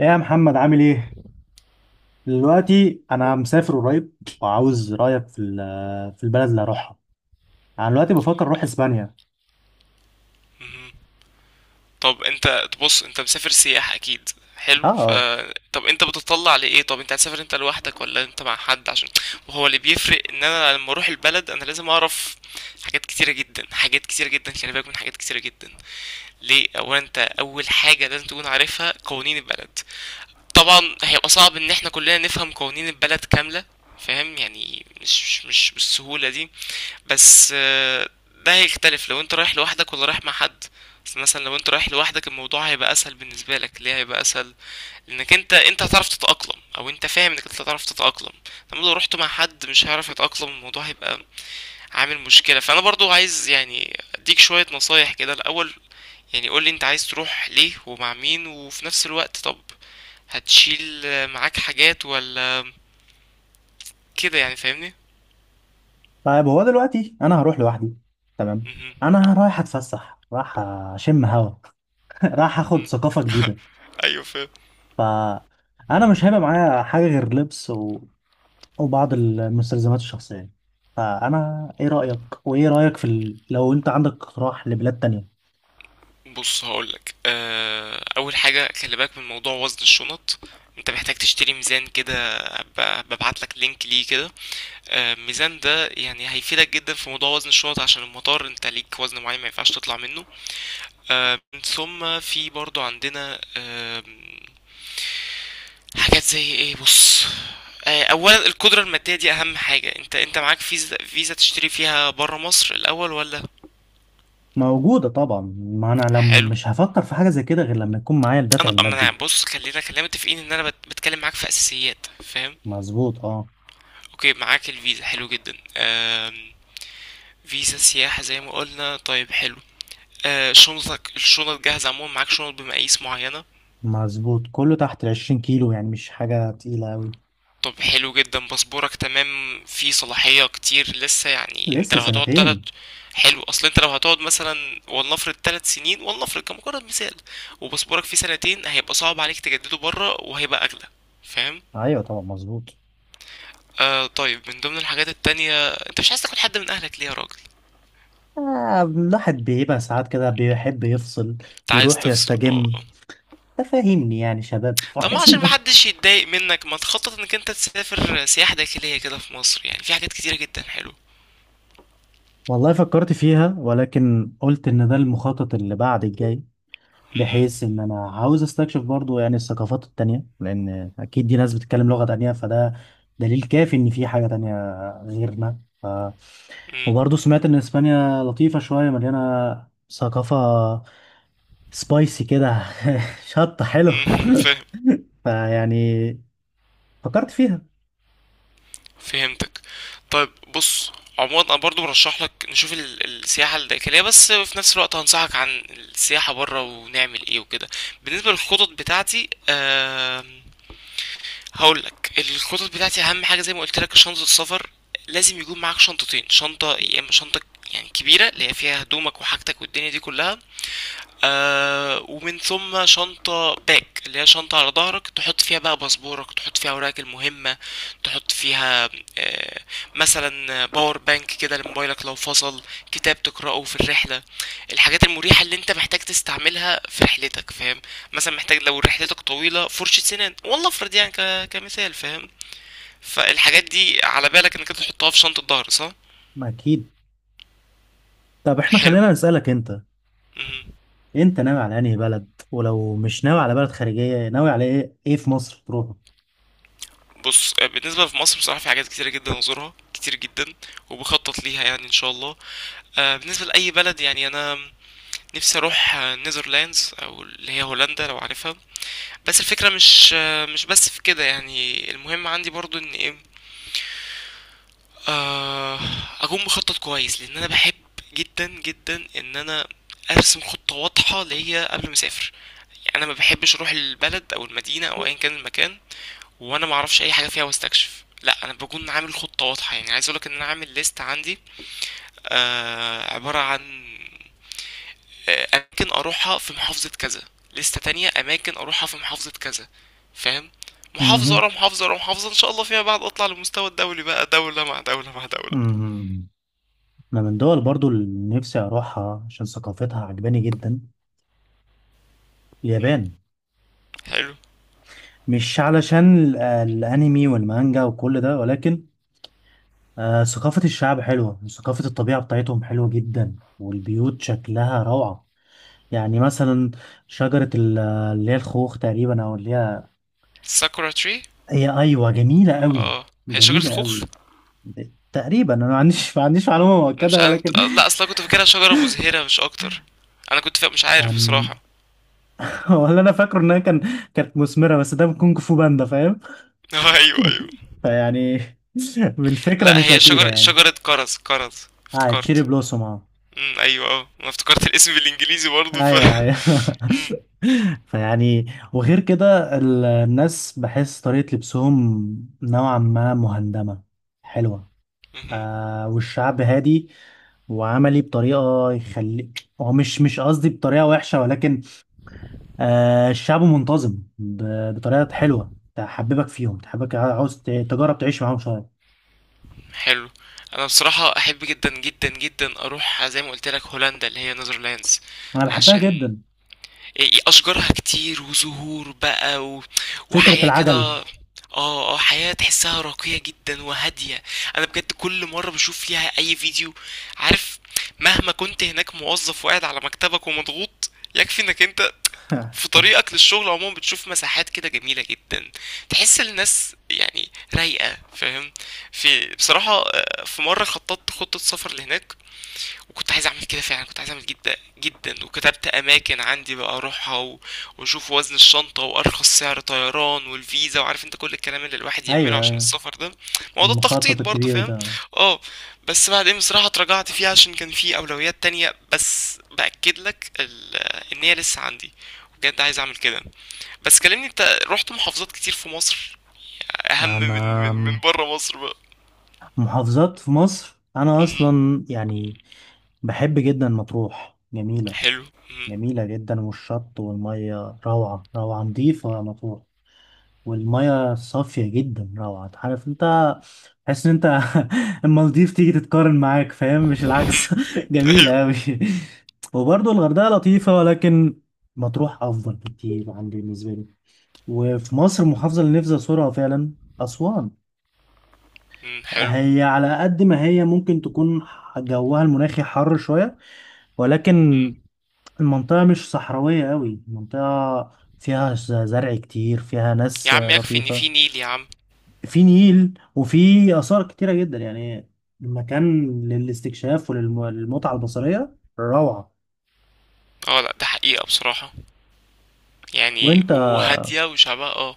ايه يا محمد عامل ايه؟ دلوقتي انا مسافر قريب وعاوز رايك في في البلد اللي هروحها. انا دلوقتي بفكر اروح اسبانيا. مهم. طب انت بص، انت مسافر سياح اكيد. اه حلو. اه. طب انت بتطلع لايه؟ طب انت هتسافر انت لوحدك ولا انت مع حد؟ عشان وهو اللي بيفرق ان انا لما اروح البلد انا لازم اعرف حاجات كتيره جدا، حاجات كتيره جدا، خلي بالك من حاجات كتيره جدا. ليه؟ اولا انت اول حاجه لازم تكون عارفها قوانين البلد. طبعا هيبقى صعب ان احنا كلنا نفهم قوانين البلد كامله، فاهم؟ يعني مش بالسهوله دي. بس ده هيختلف لو انت رايح لوحدك ولا رايح مع حد. بس مثلا لو انت رايح لوحدك الموضوع هيبقى اسهل بالنسبه لك. ليه هيبقى اسهل؟ لانك انت هتعرف تتاقلم، او انت فاهم انك انت هتعرف تتاقلم. لما لو رحت مع حد مش هيعرف يتاقلم الموضوع هيبقى عامل مشكله. فانا برضو عايز يعني اديك شويه نصايح كده الاول. يعني قول لي انت عايز تروح ليه ومع مين، وفي نفس الوقت طب هتشيل معاك حاجات ولا كده، يعني فاهمني؟ طيب هو دلوقتي انا هروح لوحدي. تمام. مهم. انا رايح اتفسح، رايح اشم هوا. رايح اخد مم. ثقافة جديدة. ايوه فاهم. فانا مش هيبقى معايا حاجة غير لبس وبعض المستلزمات الشخصية. فانا ايه رايك في لو انت عندك اقتراح لبلاد تانية. بص هقولك اول حاجه خلي بالك من موضوع وزن الشنط. انت محتاج تشتري ميزان كده، ببعتلك لينك ليه كده. الميزان ده يعني هيفيدك جدا في موضوع وزن الشنط عشان المطار، انت ليك وزن معين ما ينفعش تطلع منه. من ثم في برضو عندنا حاجات زي ايه. بص اولا القدره الماديه دي اهم حاجه. انت معاك فيزا؟ فيزا تشتري فيها بره مصر الاول ولا؟ موجودة طبعا، ما أنا لم حلو. مش هفكر في حاجة زي كده غير لما يكون معايا الدافع انا ما المادي. انا بص، خلينا متفقين ان انا بتكلم معاك في اساسيات، فاهم؟ مظبوط اه. اوكي، معاك الفيزا، حلو جدا. فيزا سياحة زي ما قلنا، طيب حلو. شنطك، الشنط جاهزة عموما، معاك شنط بمقاييس معينة. مظبوط، كله تحت 20 كيلو، يعني مش حاجة تقيلة أوي. طب حلو جدا. باسبورك تمام، فيه صلاحية كتير لسه؟ يعني انت لسه لو هتقعد تلت... سنتين. حلو. اصل انت لو هتقعد مثلا ولنفرض تلت سنين، ولنفرض كمجرد مثال، وباسبورك فيه سنتين، هيبقى صعب عليك تجدده بره وهيبقى اغلى، فاهم؟ أيوة طبعا، مظبوط. طيب من ضمن الحاجات التانية، انت مش عايز تاخد حد من اهلك ليه يا راجل؟ الواحد بيبقى ساعات كده بيحب يفصل، انت عايز يروح تفصل، اه يستجم. اه. تفهمني، يعني شباب طب ما عشان فاضيين. محدش يتضايق منك، ما تخطط انك انت تسافر سياحة داخلية كده في مصر؟ يعني في حاجات كتيرة جدا حلوة. والله فكرت فيها، ولكن قلت إن ده المخطط اللي بعد الجاي. مهم. بحيث ان انا عاوز استكشف برضو يعني الثقافات التانية، لان اكيد دي ناس بتتكلم لغة تانية، فده دليل كافي ان في حاجة تانية غيرنا مهم. وبرضو سمعت ان اسبانيا لطيفة، شوية مليانة ثقافة، سبايسي كده. شطة، حلو. مهم. فاهم. فيعني فكرت فيها. فهمتك. طيب بص، عموما انا برضو برشح لك نشوف السياحة الداخلية، بس في نفس الوقت هنصحك عن السياحة برا ونعمل ايه وكده. بالنسبة للخطط بتاعتي، هقول لك الخطط بتاعتي اهم حاجه، زي ما قلت لك، شنطه السفر. لازم يكون معاك شنطتين، شنطه يا اما شنطه يعني كبيره اللي هي فيها هدومك وحاجتك والدنيا دي كلها. ومن ثم شنطة باك اللي هي شنطة على ظهرك، تحط فيها بقى باسبورك، تحط فيها أوراقك المهمة، تحط فيها آه مثلا باور بانك كده لموبايلك لو فصل، كتاب تقرأه في الرحلة، الحاجات المريحة اللي انت محتاج تستعملها في رحلتك، فاهم؟ مثلا محتاج لو رحلتك طويلة فرشة سنان، والله افرض يعني كمثال، فاهم؟ فالحاجات دي على بالك انك انت تحطها في شنطة ظهر، صح؟ ما اكيد. طب احنا حلو. خلينا نسألك انت. مهم. انت ناوي على انهي بلد؟ ولو مش ناوي على بلد خارجية، ناوي على ايه؟ ايه في مصر تروحه؟ بص بالنسبة في مصر بصراحة في حاجات كتيرة جدا أزورها كتير جدا وبخطط ليها يعني إن شاء الله. بالنسبة لأي بلد، يعني أنا نفسي أروح نيذرلاندز، أو اللي هي هولندا لو عارفها. بس الفكرة مش مش بس في كده، يعني المهم عندي برضو إن إيه، آه، أكون مخطط كويس. لأن أنا بحب جدا جدا إن أنا أرسم خطة واضحة ليا قبل ما أسافر. يعني أنا ما بحبش أروح البلد أو المدينة أو أيا كان المكان وانا ما اعرفش اي حاجه فيها واستكشف، لا انا بكون عامل خطه واضحه. يعني عايز اقولك ان انا عامل ليست عندي عباره عن اماكن اروحها في محافظه كذا، ليستة تانية اماكن اروحها في محافظه كذا، فاهم؟ محافظه مهم. ورا محافظه ورا محافظه، ان شاء الله فيما بعد اطلع للمستوى الدولي بقى، دوله مع دوله مع دوله. مهم. أنا من دول برضو اللي نفسي أروحها عشان ثقافتها عجباني جدا، مم. اليابان. حلو. مش علشان الأنمي والمانجا وكل ده، ولكن ثقافة الشعب حلوة، وثقافة الطبيعة بتاعتهم حلوة جدا، والبيوت شكلها روعة. يعني مثلا شجرة اللي هي الخوخ تقريبا، أو اللي هي... ساكورا تري. هي أيوة، جميلة قوي اه هي شجره جميلة خوخ. قوي. تقريبا أنا ما عنديش معلومة انا مش مؤكدة انا ولكن... كنت... آه، لا اصلا كنت فاكرها شجره مزهره مش اكتر. مش عارف أم، بصراحه. ولا أنا فاكره إنها كانت مثمرة، بس ده من كونج فو باندا، فاهم. ايوه ايوه. فيعني بالفكرة لا مش هي أكيدة شجرة يعني. شجرة كرز، كرز اه، تشيري افتكرت. بلوسوم، اه. ايوه اه، انا افتكرت الاسم بالانجليزي برضه ف ايوه ايوه. امم. فيعني. وغير كده الناس، بحس طريقة لبسهم نوعا ما مهندمة، حلوة. مهم. والشعب هادي وعملي بطريقة يخلي... هو مش قصدي بطريقة وحشة، ولكن الشعب منتظم بطريقة حلوة تحببك فيهم، تحبك عاوز تجرب تعيش معاهم شوية. حلو. انا بصراحة احب جدا جدا جدا اروح زي ما قلت لك هولندا اللي هي نيذرلاندز. أنا بحبها عشان جدا. إيه- إيه، اشجارها كتير وزهور بقى و... فكرة وحياة كده. العجل. اه اه، حياة تحسها راقية جدا وهادية. انا بجد كل مرة بشوف فيها اي فيديو، عارف، مهما كنت هناك موظف وقاعد على مكتبك ومضغوط، يكفي انك انت في طريقك للشغل عموما بتشوف مساحات كده جميلة جدا، تحس الناس يعني رايقة، فاهم؟ في بصراحة في مرة خططت خطة سفر لهناك، وكنت عايز اعمل كده فعلا، كنت عايز اعمل جدا جدا، وكتبت اماكن عندي بقى اروحها و... واشوف وزن الشنطه وارخص سعر طيران والفيزا وعارف انت كل الكلام اللي الواحد يعمله ايوه عشان ايوه. السفر ده، موضوع المخطط التخطيط برضه، الكبير فاهم؟ ده. اه. بس بعدين بصراحه اتراجعت فيه عشان كان في اولويات تانية. بس باكد لك ال... ان هي لسه عندي، بجد عايز اعمل كده. بس كلمني انت، رحت محافظات كتير في مصر اهم انا من بره مصر بقى؟ محافظات في مصر انا مهم. اصلا يعني بحب جدا مطروح. جميله، حلو. مهم. جميله جدا، والشط والميه روعه روعه، نظيفه مطروح، والميه صافيه جدا، روعه. عارف انت، تحس ان انت المالديف تيجي تتقارن معاك، فاهم؟ مش مهم. العكس. جميله ايوه. قوي. وبرضه الغردقه لطيفه، ولكن مطروح افضل بكتير عندي بالنسبه لي. وفي مصر المحافظه اللي نفسي ازورها فعلا، اسوان. مهم. حلو. هي على قد ما هي ممكن تكون جوها المناخي حر شوية، ولكن المنطقة مش صحراوية قوي. المنطقة فيها زرع كتير، فيها يا ناس عم يكفي ان لطيفة. في نيل يا عم. في نيل، وفي آثار كتيرة جدا يعني. المكان للاستكشاف وللمتعة البصرية روعة. اه لا ده حقيقة بصراحة، يعني وانت. وهادية وشعبها، اه.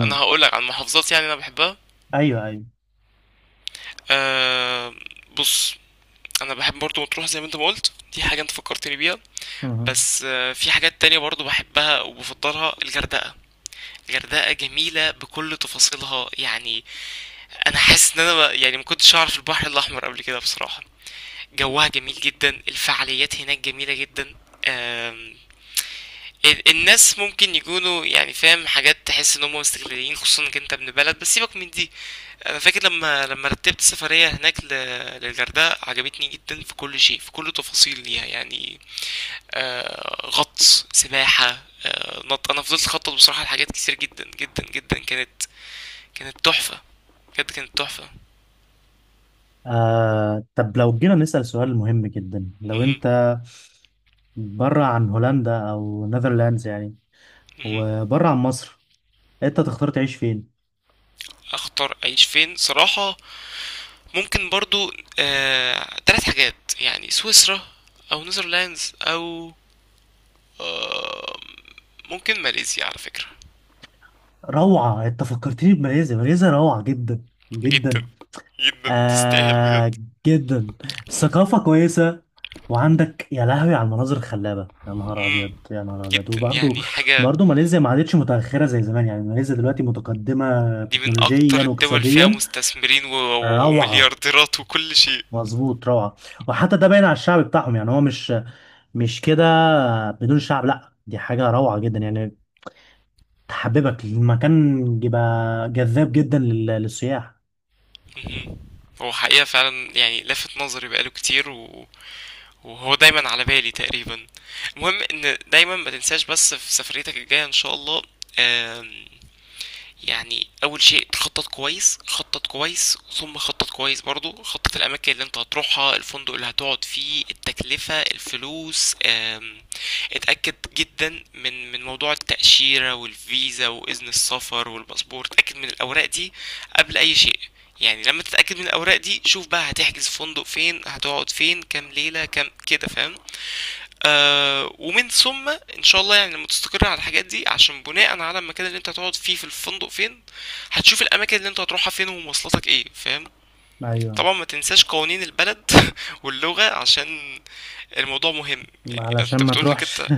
انا هقولك عن محافظات يعني انا بحبها. ايوه ايوه. أه. بص، انا بحب برضو مطروح زي ما انت ما قلت، دي حاجة انت فكرتني بيها. امم بس في حاجات تانية برضو بحبها وبفضلها، الغردقة. الغردقة جميلة بكل تفاصيلها يعني. انا حاسس ان انا ما- يعني ما كنتش اعرف البحر الاحمر قبل كده بصراحة. جوها جميل جدا، الفعاليات هناك جميلة جدا. آم، الناس ممكن يكونوا يعني فاهم، حاجات تحس ان هم مستغلين، خصوصا انك انت ابن بلد، بس سيبك من دي. انا فاكر لما رتبت سفرية هناك للغردقة، عجبتني جدا في كل شيء، في كل تفاصيل ليها يعني. غطس، سباحة، نط. انا فضلت اخطط بصراحة لحاجات كتير جدا جدا جدا، كانت تحفة، بجد كانت تحفة. طب لو جينا نسأل سؤال مهم جدا، لو مهم. انت بره عن هولندا او نذرلاندز يعني، مهم. وبره عن مصر، انت تختار تعيش فين؟ اختار اعيش فين صراحة؟ ممكن برضو تلات حاجات، يعني سويسرا، او نيذرلاندز، او ممكن ماليزيا على فكرة. روعة، انت فكرتني بماليزيا. ماليزيا روعة جدا جدا جدا. جدا تستاهل بجد. آه جدا. الثقافة كويسة. وعندك يا لهوي على المناظر الخلابة، يا نهار مم. أبيض يا نهار أبيض، جدا وبرضه... يعني حاجة. برضه ماليزيا ما عادتش متأخرة زي زمان، يعني ماليزيا دلوقتي متقدمة دي من تكنولوجيا أكتر الدول فيها واقتصاديا. مستثمرين و... و... روعة. ومليارديرات وكل شيء. مظبوط، روعة. وحتى ده باين على الشعب بتاعهم، يعني هو مش كده بدون شعب. لا، دي حاجة روعة جدا يعني. تحببك المكان، بيبقى جذاب جدا للسياح. مهم. هو حقيقة فعلا يعني لفت نظري بقاله كتير و... وهو دايما على بالي تقريبا. المهم ان دايما ما تنساش بس في سفريتك الجاية ان شاء الله. آم، يعني اول شيء تخطط كويس، خطط كويس، ثم خطط كويس برضو، خطط الاماكن اللي انت هتروحها، الفندق اللي هتقعد فيه، التكلفة، الفلوس، اتاكد جدا من موضوع التاشيرة والفيزا واذن السفر والباسبور، اتاكد من الاوراق دي قبل اي شيء. يعني لما تتاكد من الاوراق دي شوف بقى هتحجز فندق فين، هتقعد فين، كام ليلة كام كده، فاهم؟ ومن ثم ان شاء الله يعني لما تستقر على الحاجات دي، عشان بناء على المكان اللي انت هتقعد فيه في الفندق فين هتشوف الاماكن اللي انت هتروحها فين ومواصلاتك ايه، فاهم؟ ايوه. طبعا ما تنساش قوانين البلد واللغة، عشان الموضوع مهم. يعني علشان انت ما بتقول انك تروحش. انت،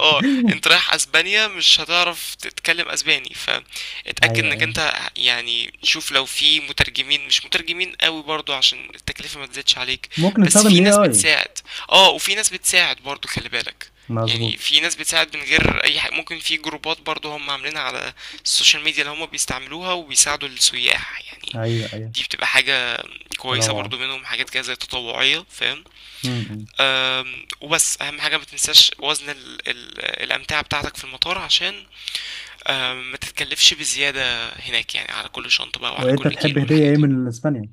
اه، انت رايح اسبانيا مش هتعرف تتكلم اسباني، فاتأكد ايوه انك ايوه، انت يعني شوف لو في مترجمين، مش مترجمين قوي برضو عشان التكلفة ما تزيدش عليك. ممكن بس نستخدم في الاي ناس اي بتساعد. اه وفي ناس بتساعد برضو خلي بالك، يعني مظبوط. في ناس بتساعد من غير اي حاجة، ممكن في جروبات برضو هم عاملينها على السوشيال ميديا اللي هم بيستعملوها وبيساعدوا السياح يعني. ايوه ايوه، دي بتبقى حاجة كويسة روعه. برضو، منهم حاجات كده زي تطوعية، فاهم؟ م-م. وبس أهم حاجة ما تنساش وزن ال ال الأمتعة بتاعتك في المطار، عشان ما تتكلفش بزيادة هناك يعني، على كل شنطة بقى وعلى وانت كل تحب كيلو هديه والحاجات ايه دي. من اسبانيا؟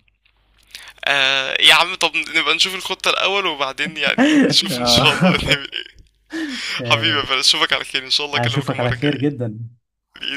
يا عم طب نبقى نشوف الخطة الأول وبعدين يعني نشوف إن اه، شاء الله هنعمل إيه. حبيبي يا تمام. فارس أشوفك على خير إن شاء الله، أكلمك اشوفك على المرة خير الجاية جدا. بإذن